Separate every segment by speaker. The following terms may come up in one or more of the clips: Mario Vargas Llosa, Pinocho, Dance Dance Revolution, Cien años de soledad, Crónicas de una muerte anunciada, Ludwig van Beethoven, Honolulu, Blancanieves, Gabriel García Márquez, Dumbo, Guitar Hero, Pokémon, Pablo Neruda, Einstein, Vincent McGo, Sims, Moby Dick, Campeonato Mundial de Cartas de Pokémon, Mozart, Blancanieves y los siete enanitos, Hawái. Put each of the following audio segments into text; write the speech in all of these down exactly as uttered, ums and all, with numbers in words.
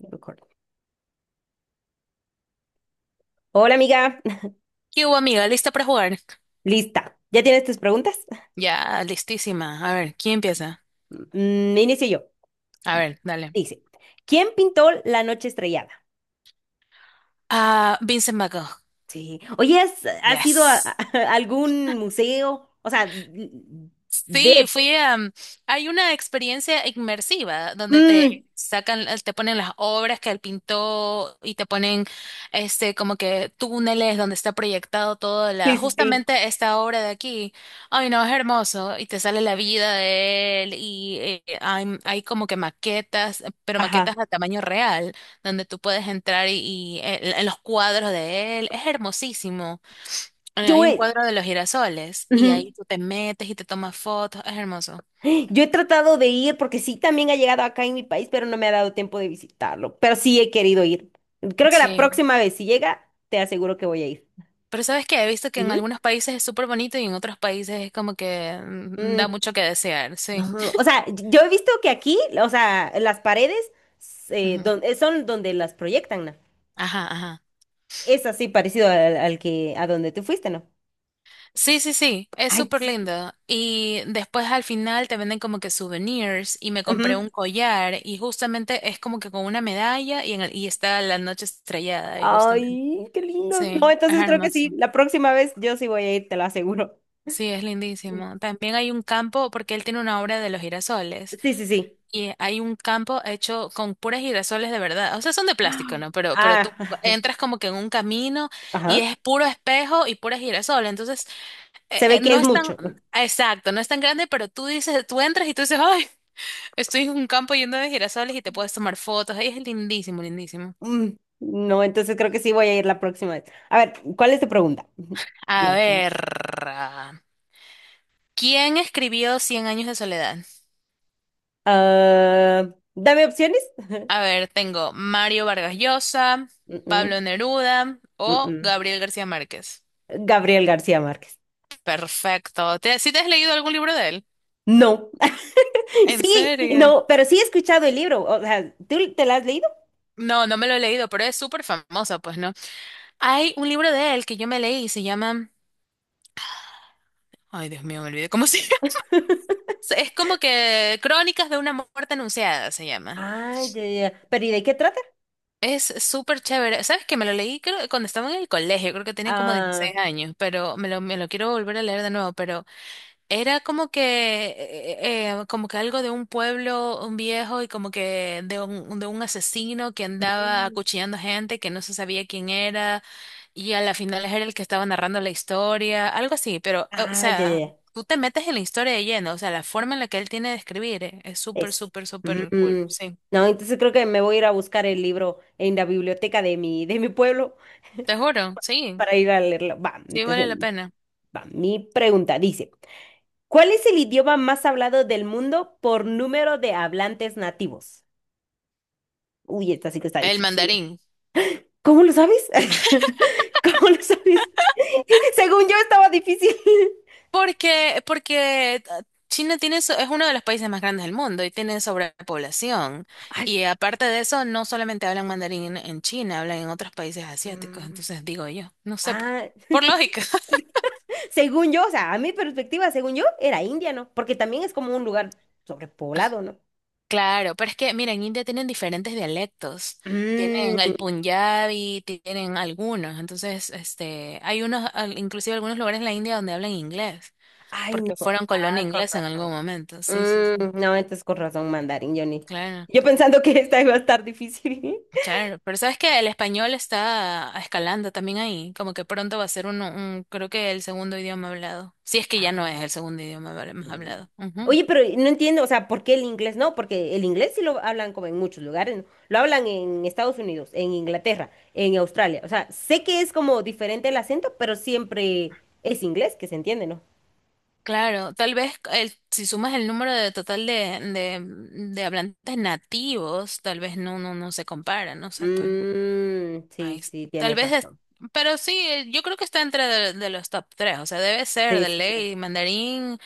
Speaker 1: Record. Hola amiga,
Speaker 2: ¿Qué hubo, amiga? ¿Lista para jugar?
Speaker 1: lista. ¿Ya tienes tus preguntas?
Speaker 2: Ya, listísima. A ver, ¿quién empieza?
Speaker 1: Mm, inicio yo.
Speaker 2: A ver, dale.
Speaker 1: Dice, ¿quién pintó la noche estrellada?
Speaker 2: Ah, Vincent McGo.
Speaker 1: Sí. Oye, ¿has, has ido a, a
Speaker 2: Yes.
Speaker 1: algún museo? O sea,
Speaker 2: Sí,
Speaker 1: de...
Speaker 2: fui a... mm, hay una experiencia inmersiva donde
Speaker 1: Mm,
Speaker 2: te sacan, eh, te ponen las obras que él pintó y te ponen este como que túneles donde está proyectado toda la,
Speaker 1: sí, sí, sí.
Speaker 2: justamente esta obra de aquí. Ay, no, es hermoso. Y te sale la vida de él y eh, hay, hay como que maquetas, pero
Speaker 1: Ajá.
Speaker 2: maquetas a tamaño real, donde tú puedes entrar y, y, eh, en los cuadros de él. Es hermosísimo. Eh,
Speaker 1: Yo
Speaker 2: Hay un
Speaker 1: he,
Speaker 2: cuadro de los girasoles y ahí
Speaker 1: ujú.
Speaker 2: tú te metes y te tomas fotos, es hermoso.
Speaker 1: Yo he tratado de ir porque sí, también ha llegado acá en mi país, pero no me ha dado tiempo de visitarlo. Pero sí he querido ir. Creo que la
Speaker 2: Sí,
Speaker 1: próxima vez, si llega, te aseguro que voy a ir.
Speaker 2: pero sabes que he visto que en
Speaker 1: Ujú.
Speaker 2: algunos países es súper bonito y en otros países es como que mm,
Speaker 1: Mm,
Speaker 2: da mucho que desear, sí.
Speaker 1: No, o sea, yo he visto que aquí, o sea, las paredes eh,
Speaker 2: Ujú.
Speaker 1: don- eh, son donde las proyectan, ¿no?
Speaker 2: Ajá, ajá.
Speaker 1: Es así parecido al, al que a donde tú fuiste, ¿no?
Speaker 2: Sí, sí, sí, es
Speaker 1: Ah,
Speaker 2: súper
Speaker 1: entonces,
Speaker 2: lindo. Y después al final te venden como que souvenirs y me compré
Speaker 1: ujú.
Speaker 2: un collar y justamente es como que con una medalla y, en el- y está la noche estrellada y justamente.
Speaker 1: Ay, qué lindo. No,
Speaker 2: Sí, es
Speaker 1: entonces creo que sí.
Speaker 2: hermoso.
Speaker 1: La próxima vez yo sí voy a ir, te lo aseguro.
Speaker 2: Sí, es lindísimo. También hay un campo, porque él tiene una obra de los girasoles,
Speaker 1: Sí, sí, sí.
Speaker 2: y hay un campo hecho con puras girasoles de verdad. O sea, son de plástico, ¿no? Pero, pero
Speaker 1: Ah,
Speaker 2: tú entras como que en un camino y
Speaker 1: ajá.
Speaker 2: es puro espejo y puras girasoles. Entonces, eh,
Speaker 1: Se
Speaker 2: eh,
Speaker 1: ve que
Speaker 2: no
Speaker 1: es
Speaker 2: es tan,
Speaker 1: mucho.
Speaker 2: exacto, no es tan grande, pero tú dices, tú entras y tú dices, ay, estoy en un campo lleno de girasoles y te puedes tomar fotos. Ay, es lindísimo, lindísimo.
Speaker 1: Mm, No, entonces creo que sí voy a ir la próxima vez. A ver, ¿cuál es tu pregunta?
Speaker 2: A
Speaker 1: La siguiente.
Speaker 2: ver, ¿quién escribió Cien años de soledad?
Speaker 1: Ah, dame opciones.
Speaker 2: A ver, tengo Mario Vargas Llosa,
Speaker 1: Mm, mm,
Speaker 2: Pablo Neruda
Speaker 1: mm,
Speaker 2: o
Speaker 1: mm.
Speaker 2: Gabriel García Márquez.
Speaker 1: Gabriel García Márquez.
Speaker 2: Perfecto. ¿Te, si te has leído algún libro de él?
Speaker 1: No,
Speaker 2: ¿En
Speaker 1: sí,
Speaker 2: serio?
Speaker 1: no, pero sí he escuchado el libro. O sea, ¿tú te lo has leído?
Speaker 2: No, no me lo he leído, pero es súper famosa, pues, ¿no? Hay un libro de él que yo me leí y se llama... Ay, Dios mío, me olvidé cómo se llama. Es como que Crónicas de una muerte anunciada se llama.
Speaker 1: Ah, ya, ya, ya. ¿Pero y de qué trata?
Speaker 2: Es súper chévere. ¿Sabes que me lo leí creo, cuando estaba en el colegio, creo que tenía como
Speaker 1: Ah,
Speaker 2: dieciséis años, pero me lo, me lo quiero volver a leer de nuevo, pero... Era como que, eh, eh, como que algo de un pueblo, un viejo y como que de un, de un asesino que andaba
Speaker 1: mm,
Speaker 2: acuchillando gente que no se sabía quién era y a la final era el que estaba narrando la historia, algo así, pero, o
Speaker 1: ah, ya, ya,
Speaker 2: sea,
Speaker 1: ya.
Speaker 2: tú te metes en la historia de lleno, o sea, la forma en la que él tiene de escribir eh, es súper,
Speaker 1: Es.
Speaker 2: súper, súper
Speaker 1: Mm,
Speaker 2: cool, sí,
Speaker 1: No, entonces creo que me voy a ir a buscar el libro en la biblioteca de mi, de mi pueblo
Speaker 2: te juro, sí,
Speaker 1: para ir a leerlo. Va,
Speaker 2: sí vale
Speaker 1: entonces,
Speaker 2: la pena.
Speaker 1: va. Mi pregunta dice, ¿cuál es el idioma más hablado del mundo por número de hablantes nativos? Uy, esta sí que está
Speaker 2: El
Speaker 1: difícil.
Speaker 2: mandarín.
Speaker 1: ¿Cómo lo sabes? ¿Cómo lo sabes? Según yo estaba difícil.
Speaker 2: Porque, porque ah, China tiene, so- es uno de los países más grandes del mundo y tiene sobrepoblación.
Speaker 1: Ay, s-
Speaker 2: Y aparte de eso, no solamente hablan mandarín en, en China, hablan en otros países asiáticos.
Speaker 1: mm,
Speaker 2: Entonces digo yo, no sé, po-
Speaker 1: ah,
Speaker 2: por lógica.
Speaker 1: según yo, o sea, a mi perspectiva, según yo, era India, ¿no? Porque también es como un lugar sobrepoblado, ¿no?
Speaker 2: Claro, pero es que, mira, en India tienen diferentes dialectos. Tienen
Speaker 1: Mm,
Speaker 2: el Punjabi, tienen algunos. Entonces, este, hay unos, al- inclusive algunos lugares en la India donde hablan inglés,
Speaker 1: ay,
Speaker 2: porque
Speaker 1: no.
Speaker 2: fueron colonia
Speaker 1: Ah, con
Speaker 2: inglesa en algún
Speaker 1: razón.
Speaker 2: momento. Sí, sí, sí.
Speaker 1: Mm, no, entonces con razón mandarín, Johnny.
Speaker 2: Claro.
Speaker 1: Yo pensando que esta iba a estar difícil.
Speaker 2: Claro, pero sabes que el español está escalando también ahí, como que pronto va a ser uno, un, creo que el segundo idioma hablado, si es que ya no
Speaker 1: Ah,
Speaker 2: es el segundo idioma habl- más
Speaker 1: Mm.
Speaker 2: hablado. Ujú.
Speaker 1: Oye, pero no entiendo, o sea, ¿por qué el inglés no? Porque el inglés sí lo hablan como en muchos lugares, ¿no? Lo hablan en Estados Unidos, en Inglaterra, en Australia. O sea, sé que es como diferente el acento, pero siempre es inglés que se entiende, ¿no?
Speaker 2: Claro, tal vez el, si sumas el número de total de, de, de hablantes nativos, tal vez no, no, no se compara, no sé, pues no.
Speaker 1: Mm,
Speaker 2: Ahí
Speaker 1: sí,
Speaker 2: es-
Speaker 1: sí,
Speaker 2: tal
Speaker 1: tienes
Speaker 2: vez es,
Speaker 1: razón.
Speaker 2: pero sí, eh, yo creo que está entre de, de los top tres, o sea, debe ser
Speaker 1: Sí,
Speaker 2: de
Speaker 1: sí, sí.
Speaker 2: ley, mandarín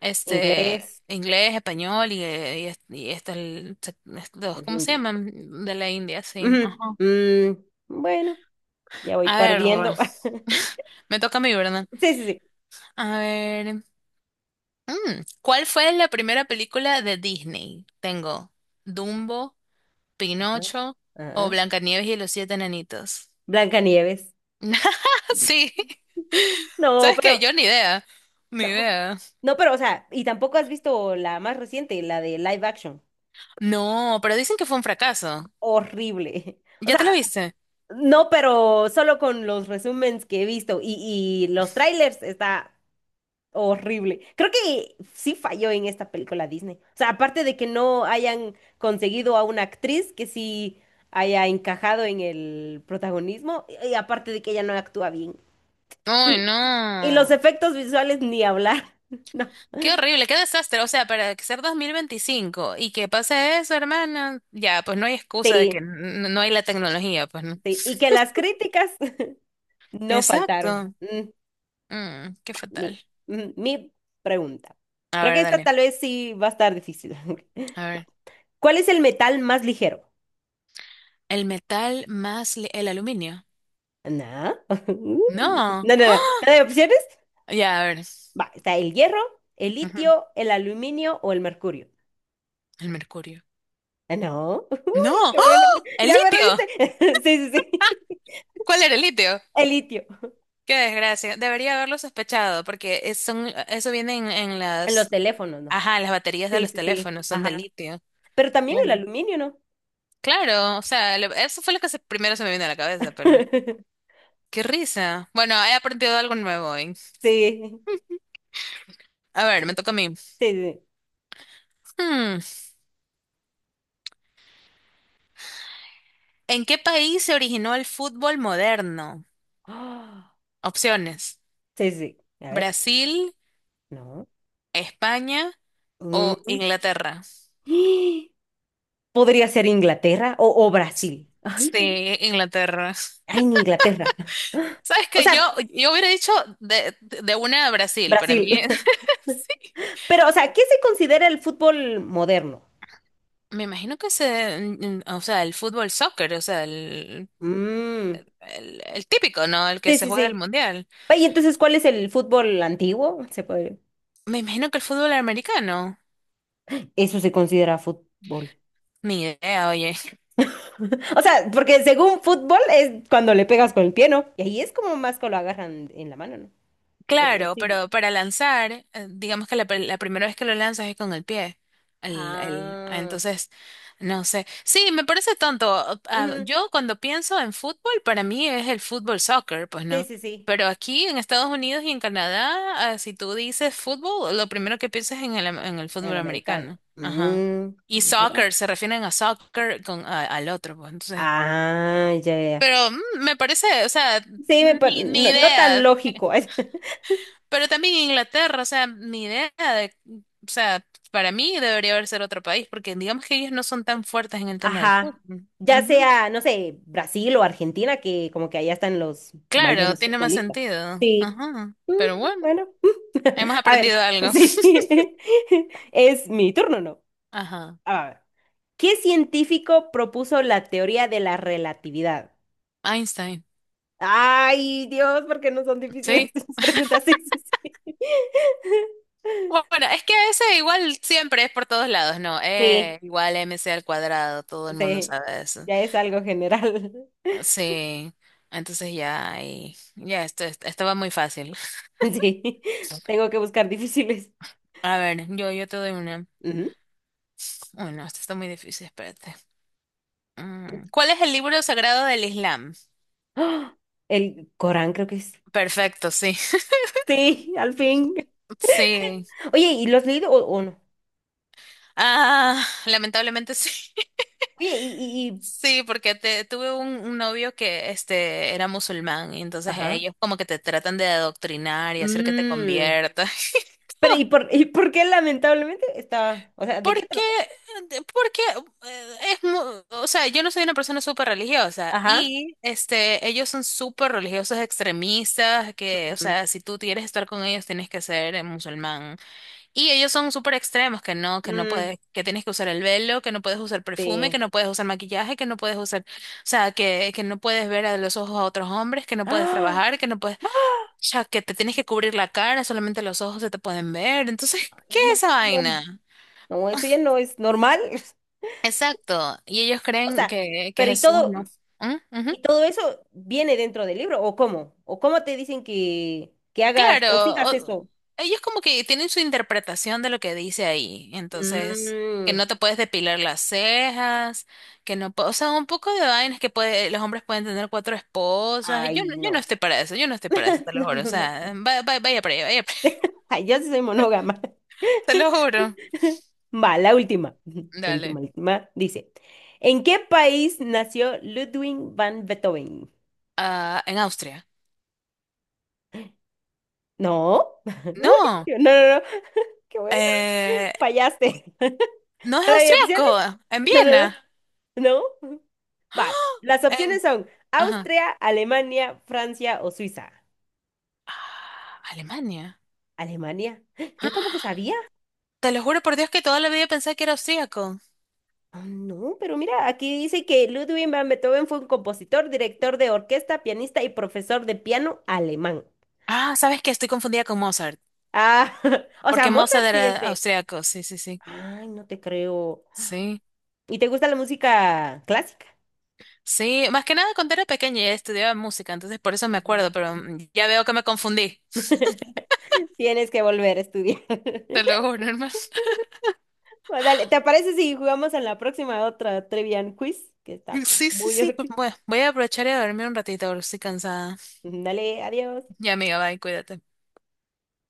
Speaker 2: este,
Speaker 1: Inglés,
Speaker 2: inglés, español y, eh, y, es- y este, el, se- estos,
Speaker 1: el
Speaker 2: ¿cómo se
Speaker 1: hindi.
Speaker 2: llaman? De la India, sí. Ajá.
Speaker 1: Ujú, mm, bueno, ya voy
Speaker 2: A ver,
Speaker 1: perdiendo.
Speaker 2: me toca a mí, ¿verdad?
Speaker 1: Sí, sí, sí.
Speaker 2: A ver, mm, ¿cuál fue la primera película de Disney? Tengo Dumbo,
Speaker 1: Ajá.
Speaker 2: Pinocho o
Speaker 1: Ajá.
Speaker 2: Blancanieves y los siete enanitos.
Speaker 1: Blancanieves.
Speaker 2: Sí,
Speaker 1: No,
Speaker 2: ¿sabes qué?
Speaker 1: pero
Speaker 2: Yo ni idea, ni
Speaker 1: no,
Speaker 2: idea.
Speaker 1: no, pero, o sea, y tampoco has visto la más reciente, la de live action.
Speaker 2: No, pero dicen que fue un fracaso.
Speaker 1: Horrible. O
Speaker 2: ¿Ya te la
Speaker 1: sea,
Speaker 2: viste?
Speaker 1: no, pero solo con los resúmenes que he visto y, y los trailers está horrible. Creo que sí falló en esta película Disney. O sea, aparte de que no hayan conseguido a una actriz que sí haya encajado en el protagonismo, y y aparte de que ella no actúa bien.
Speaker 2: Ay,
Speaker 1: Y, y los
Speaker 2: no.
Speaker 1: efectos visuales ni hablar. No.
Speaker 2: Qué horrible, qué desastre. O sea, para ser dos mil veinticinco y que pase eso, hermana, ya, pues no hay excusa de que
Speaker 1: Sí,
Speaker 2: n- no hay la tecnología, pues no.
Speaker 1: sí. Y que las críticas no faltaron.
Speaker 2: Exacto.
Speaker 1: Mm,
Speaker 2: Mm, qué
Speaker 1: va, mi,
Speaker 2: fatal.
Speaker 1: mm, mi pregunta.
Speaker 2: A
Speaker 1: Creo que
Speaker 2: ver,
Speaker 1: esta
Speaker 2: dale.
Speaker 1: tal vez sí va a estar difícil.
Speaker 2: A
Speaker 1: Va.
Speaker 2: ver.
Speaker 1: ¿Cuál es el metal más ligero?
Speaker 2: El metal más li- el aluminio.
Speaker 1: No. Uy.
Speaker 2: No.
Speaker 1: No, no, no. ¿No hay opciones?
Speaker 2: Ya, a ver.
Speaker 1: Va, está el hierro, el
Speaker 2: Ujú.
Speaker 1: litio, el aluminio o el mercurio.
Speaker 2: El mercurio.
Speaker 1: Ah, no.
Speaker 2: No.
Speaker 1: Uy, qué bueno.
Speaker 2: ¡Ah! El
Speaker 1: Ya me
Speaker 2: litio.
Speaker 1: reíste. Sí, sí, sí.
Speaker 2: ¿Cuál era el litio?
Speaker 1: El litio.
Speaker 2: Qué desgracia. Debería haberlo sospechado porque es- son, eso viene en, en
Speaker 1: En los
Speaker 2: las,
Speaker 1: teléfonos, ¿no?
Speaker 2: ajá, las baterías de
Speaker 1: Sí,
Speaker 2: los
Speaker 1: sí, sí.
Speaker 2: teléfonos, son de
Speaker 1: Ajá.
Speaker 2: litio.
Speaker 1: Pero también
Speaker 2: Claro.
Speaker 1: el aluminio, ¿no?
Speaker 2: Claro, o sea, lo- eso fue lo que se- primero se me vino a la cabeza, pero qué risa. Bueno, he aprendido algo nuevo hoy.
Speaker 1: Sí.
Speaker 2: A ver, me toca a mí.
Speaker 1: Sí, sí.
Speaker 2: Hmm, ¿en qué país se originó el fútbol moderno?
Speaker 1: Ah,
Speaker 2: Opciones:
Speaker 1: sí, sí. A ver.
Speaker 2: Brasil,
Speaker 1: No.
Speaker 2: España o
Speaker 1: Mm.
Speaker 2: Inglaterra.
Speaker 1: Podría ser Inglaterra o, o Brasil. Ay,
Speaker 2: Sí, Inglaterra.
Speaker 1: ay, en Inglaterra.
Speaker 2: Sabes
Speaker 1: O
Speaker 2: que yo,
Speaker 1: sea,
Speaker 2: yo hubiera dicho de, de de una a Brasil, para
Speaker 1: Brasil.
Speaker 2: mí. sí.
Speaker 1: Pero, o sea, ¿qué se considera el fútbol moderno?
Speaker 2: Me imagino que se, mm, mm, o sea, el fútbol soccer, o sea, el,
Speaker 1: Mm,
Speaker 2: el, el típico, ¿no? El que
Speaker 1: sí,
Speaker 2: se
Speaker 1: sí,
Speaker 2: juega el
Speaker 1: sí.
Speaker 2: mundial.
Speaker 1: Y entonces, ¿cuál es el fútbol antiguo? Se puede...
Speaker 2: Me imagino que el fútbol americano.
Speaker 1: Eso se considera fútbol.
Speaker 2: Ni idea, oye.
Speaker 1: O sea, porque según fútbol es cuando le pegas con el pie, ¿no? Y ahí es como más que lo agarran en la mano, ¿no? O, o
Speaker 2: Claro,
Speaker 1: sí.
Speaker 2: pero para lanzar, eh, digamos que la, pr- la primera vez que lo lanzas es con el pie. El, el- ah,
Speaker 1: Ah.
Speaker 2: entonces, no sé. Sí, me parece tonto. Ah,
Speaker 1: Ujú,
Speaker 2: yo cuando pienso en fútbol, para mí es el fútbol soccer, pues
Speaker 1: sí,
Speaker 2: no.
Speaker 1: sí, sí.
Speaker 2: Pero aquí en Estados Unidos y en Canadá, ah, si tú dices fútbol, lo primero que piensas es en el, am- en el
Speaker 1: El
Speaker 2: fútbol
Speaker 1: americano.
Speaker 2: americano. Ajá.
Speaker 1: Mm,
Speaker 2: Y
Speaker 1: mira.
Speaker 2: soccer, se refieren a soccer con, a- al otro, pues.
Speaker 1: Ah, ya, ya, ya.
Speaker 2: Pero mm, me parece, o sea,
Speaker 1: Sí, me par-
Speaker 2: ni, ni
Speaker 1: no, no tan
Speaker 2: idea.
Speaker 1: lógico.
Speaker 2: Pero también Inglaterra, o sea, ni idea de, o sea, para mí debería haber ser otro país, porque digamos que ellos no son tan fuertes en el tema del
Speaker 1: Ajá.
Speaker 2: fútbol.
Speaker 1: Ya
Speaker 2: Ujú.
Speaker 1: sea, no sé, Brasil o Argentina, que como que allá están los
Speaker 2: Claro,
Speaker 1: mayores
Speaker 2: tiene más
Speaker 1: futbolistas.
Speaker 2: sentido.
Speaker 1: Sí.
Speaker 2: Ajá.
Speaker 1: Mm,
Speaker 2: Pero bueno,
Speaker 1: bueno.
Speaker 2: hemos
Speaker 1: A ver,
Speaker 2: aprendido algo.
Speaker 1: sí. Es mi turno, ¿no?
Speaker 2: Ajá.
Speaker 1: A ver. ¿Qué científico propuso la teoría de la relatividad?
Speaker 2: Einstein.
Speaker 1: Ay, Dios, porque no son difíciles
Speaker 2: Sí.
Speaker 1: esas preguntas. Sí, sí, sí.
Speaker 2: Bueno, es que ese igual siempre es por todos lados, ¿no?
Speaker 1: Sí,
Speaker 2: Eh, igual M C al cuadrado, todo el mundo
Speaker 1: sí,
Speaker 2: sabe eso.
Speaker 1: ya es algo general.
Speaker 2: Sí, entonces ya ahí- ya esto, esto esto va muy fácil.
Speaker 1: Sí, tengo que buscar difíciles.
Speaker 2: A ver, yo, yo te doy una.
Speaker 1: Ujú.
Speaker 2: Uy, no, esto está muy difícil, espérate. Mm, ¿cuál es el libro sagrado del Islam?
Speaker 1: ¡Ah! El Corán creo que es.
Speaker 2: Perfecto, sí.
Speaker 1: Sí, al fin.
Speaker 2: Sí.
Speaker 1: Oye, ¿y los has leído o, o no?
Speaker 2: Ah, lamentablemente sí.
Speaker 1: Oye, y, y, y-
Speaker 2: Sí, porque te, tuve un, un novio que este era musulmán y entonces
Speaker 1: ajá.
Speaker 2: ellos como que te tratan de adoctrinar y hacer que te
Speaker 1: Mm,
Speaker 2: conviertas.
Speaker 1: pero ¿y por, y por qué lamentablemente está? O sea, ¿de qué
Speaker 2: Porque,
Speaker 1: trata?
Speaker 2: porque eh, es, mu- o sea, yo no soy una persona súper religiosa
Speaker 1: Ajá.
Speaker 2: y este, ellos son súper religiosos extremistas, que, o
Speaker 1: Ujú.
Speaker 2: sea, si tú quieres estar con ellos tienes que ser eh, musulmán. Y ellos son súper extremos, que no, que no
Speaker 1: Mm,
Speaker 2: puedes, que tienes que usar el velo, que no puedes usar perfume, que
Speaker 1: sí.
Speaker 2: no puedes usar maquillaje, que no puedes usar, o sea, que, que no puedes ver a los ojos a otros hombres, que no puedes
Speaker 1: ¡Ah!
Speaker 2: trabajar, que no puedes, o sea, que te tienes que cubrir la cara, solamente los ojos se te pueden ver. Entonces,
Speaker 1: Ay,
Speaker 2: ¿qué es
Speaker 1: no,
Speaker 2: esa
Speaker 1: no,
Speaker 2: vaina?
Speaker 1: no, eso ya no es normal.
Speaker 2: Exacto, y ellos
Speaker 1: O
Speaker 2: creen
Speaker 1: sea,
Speaker 2: que, que
Speaker 1: pero y
Speaker 2: Jesús
Speaker 1: todo.
Speaker 2: no. ¿Mm? Ujú.
Speaker 1: ¿Y todo eso viene dentro del libro o cómo? ¿O cómo te dicen que, que hagas
Speaker 2: Claro,
Speaker 1: o sigas
Speaker 2: o-
Speaker 1: eso?
Speaker 2: ellos como que tienen su interpretación de lo que dice ahí, entonces, que
Speaker 1: Mm,
Speaker 2: no te puedes depilar las cejas, que no, po- o sea, un poco de vainas que puede, los hombres pueden tener cuatro esposas, yo, no-
Speaker 1: ay,
Speaker 2: yo no
Speaker 1: no.
Speaker 2: estoy para eso, yo no estoy para eso, te lo
Speaker 1: No,
Speaker 2: juro, o
Speaker 1: no,
Speaker 2: sea,
Speaker 1: no.
Speaker 2: va- va- vaya para allá, vaya para allá,
Speaker 1: Ay, yo sí soy monógama.
Speaker 2: te lo juro.
Speaker 1: Va, la última. La
Speaker 2: Dale.
Speaker 1: última, la última. Dice, ¿en qué país nació Ludwig van Beethoven?
Speaker 2: Ah, en Austria.
Speaker 1: No. Uy,
Speaker 2: No,
Speaker 1: no, no, no. Qué bueno.
Speaker 2: eh,
Speaker 1: Fallaste. ¿No
Speaker 2: no es
Speaker 1: hay opciones?
Speaker 2: austriaco, en
Speaker 1: No, no, no.
Speaker 2: Viena.
Speaker 1: No. Va.
Speaker 2: ¡Ah!
Speaker 1: Las
Speaker 2: En,
Speaker 1: opciones son
Speaker 2: ajá.
Speaker 1: Austria, Alemania, Francia o Suiza.
Speaker 2: Ah, Alemania.
Speaker 1: Alemania. Yo
Speaker 2: Ah,
Speaker 1: tampoco sabía.
Speaker 2: te lo juro por Dios que toda la vida pensé que era austríaco.
Speaker 1: Ah, no, pero mira, aquí dice que Ludwig van Beethoven fue un compositor, director de orquesta, pianista y profesor de piano alemán.
Speaker 2: Ah, ¿sabes qué? Estoy confundida con Mozart,
Speaker 1: Ah, o sea,
Speaker 2: porque
Speaker 1: Mozart
Speaker 2: Mozart
Speaker 1: sí es
Speaker 2: era
Speaker 1: de.
Speaker 2: austríaco, sí, sí, sí.
Speaker 1: Ay, no te creo.
Speaker 2: Sí,
Speaker 1: ¿Y te gusta la música clásica?
Speaker 2: sí, más que nada cuando era pequeña y estudiaba música, entonces por eso me acuerdo, pero
Speaker 1: Mm.
Speaker 2: mm, ya veo que me confundí.
Speaker 1: Tienes que volver a estudiar.
Speaker 2: Te lo juro, hermano.
Speaker 1: Bueno, dale, ¿te parece si jugamos en la próxima otra Trivian Quiz? Que está
Speaker 2: Sí, sí,
Speaker 1: muy
Speaker 2: sí, pues
Speaker 1: divertido.
Speaker 2: bueno, voy a aprovechar y a dormir un ratito, ahora estoy cansada.
Speaker 1: Dale, adiós.
Speaker 2: Ya, amiga, bye, cuídate.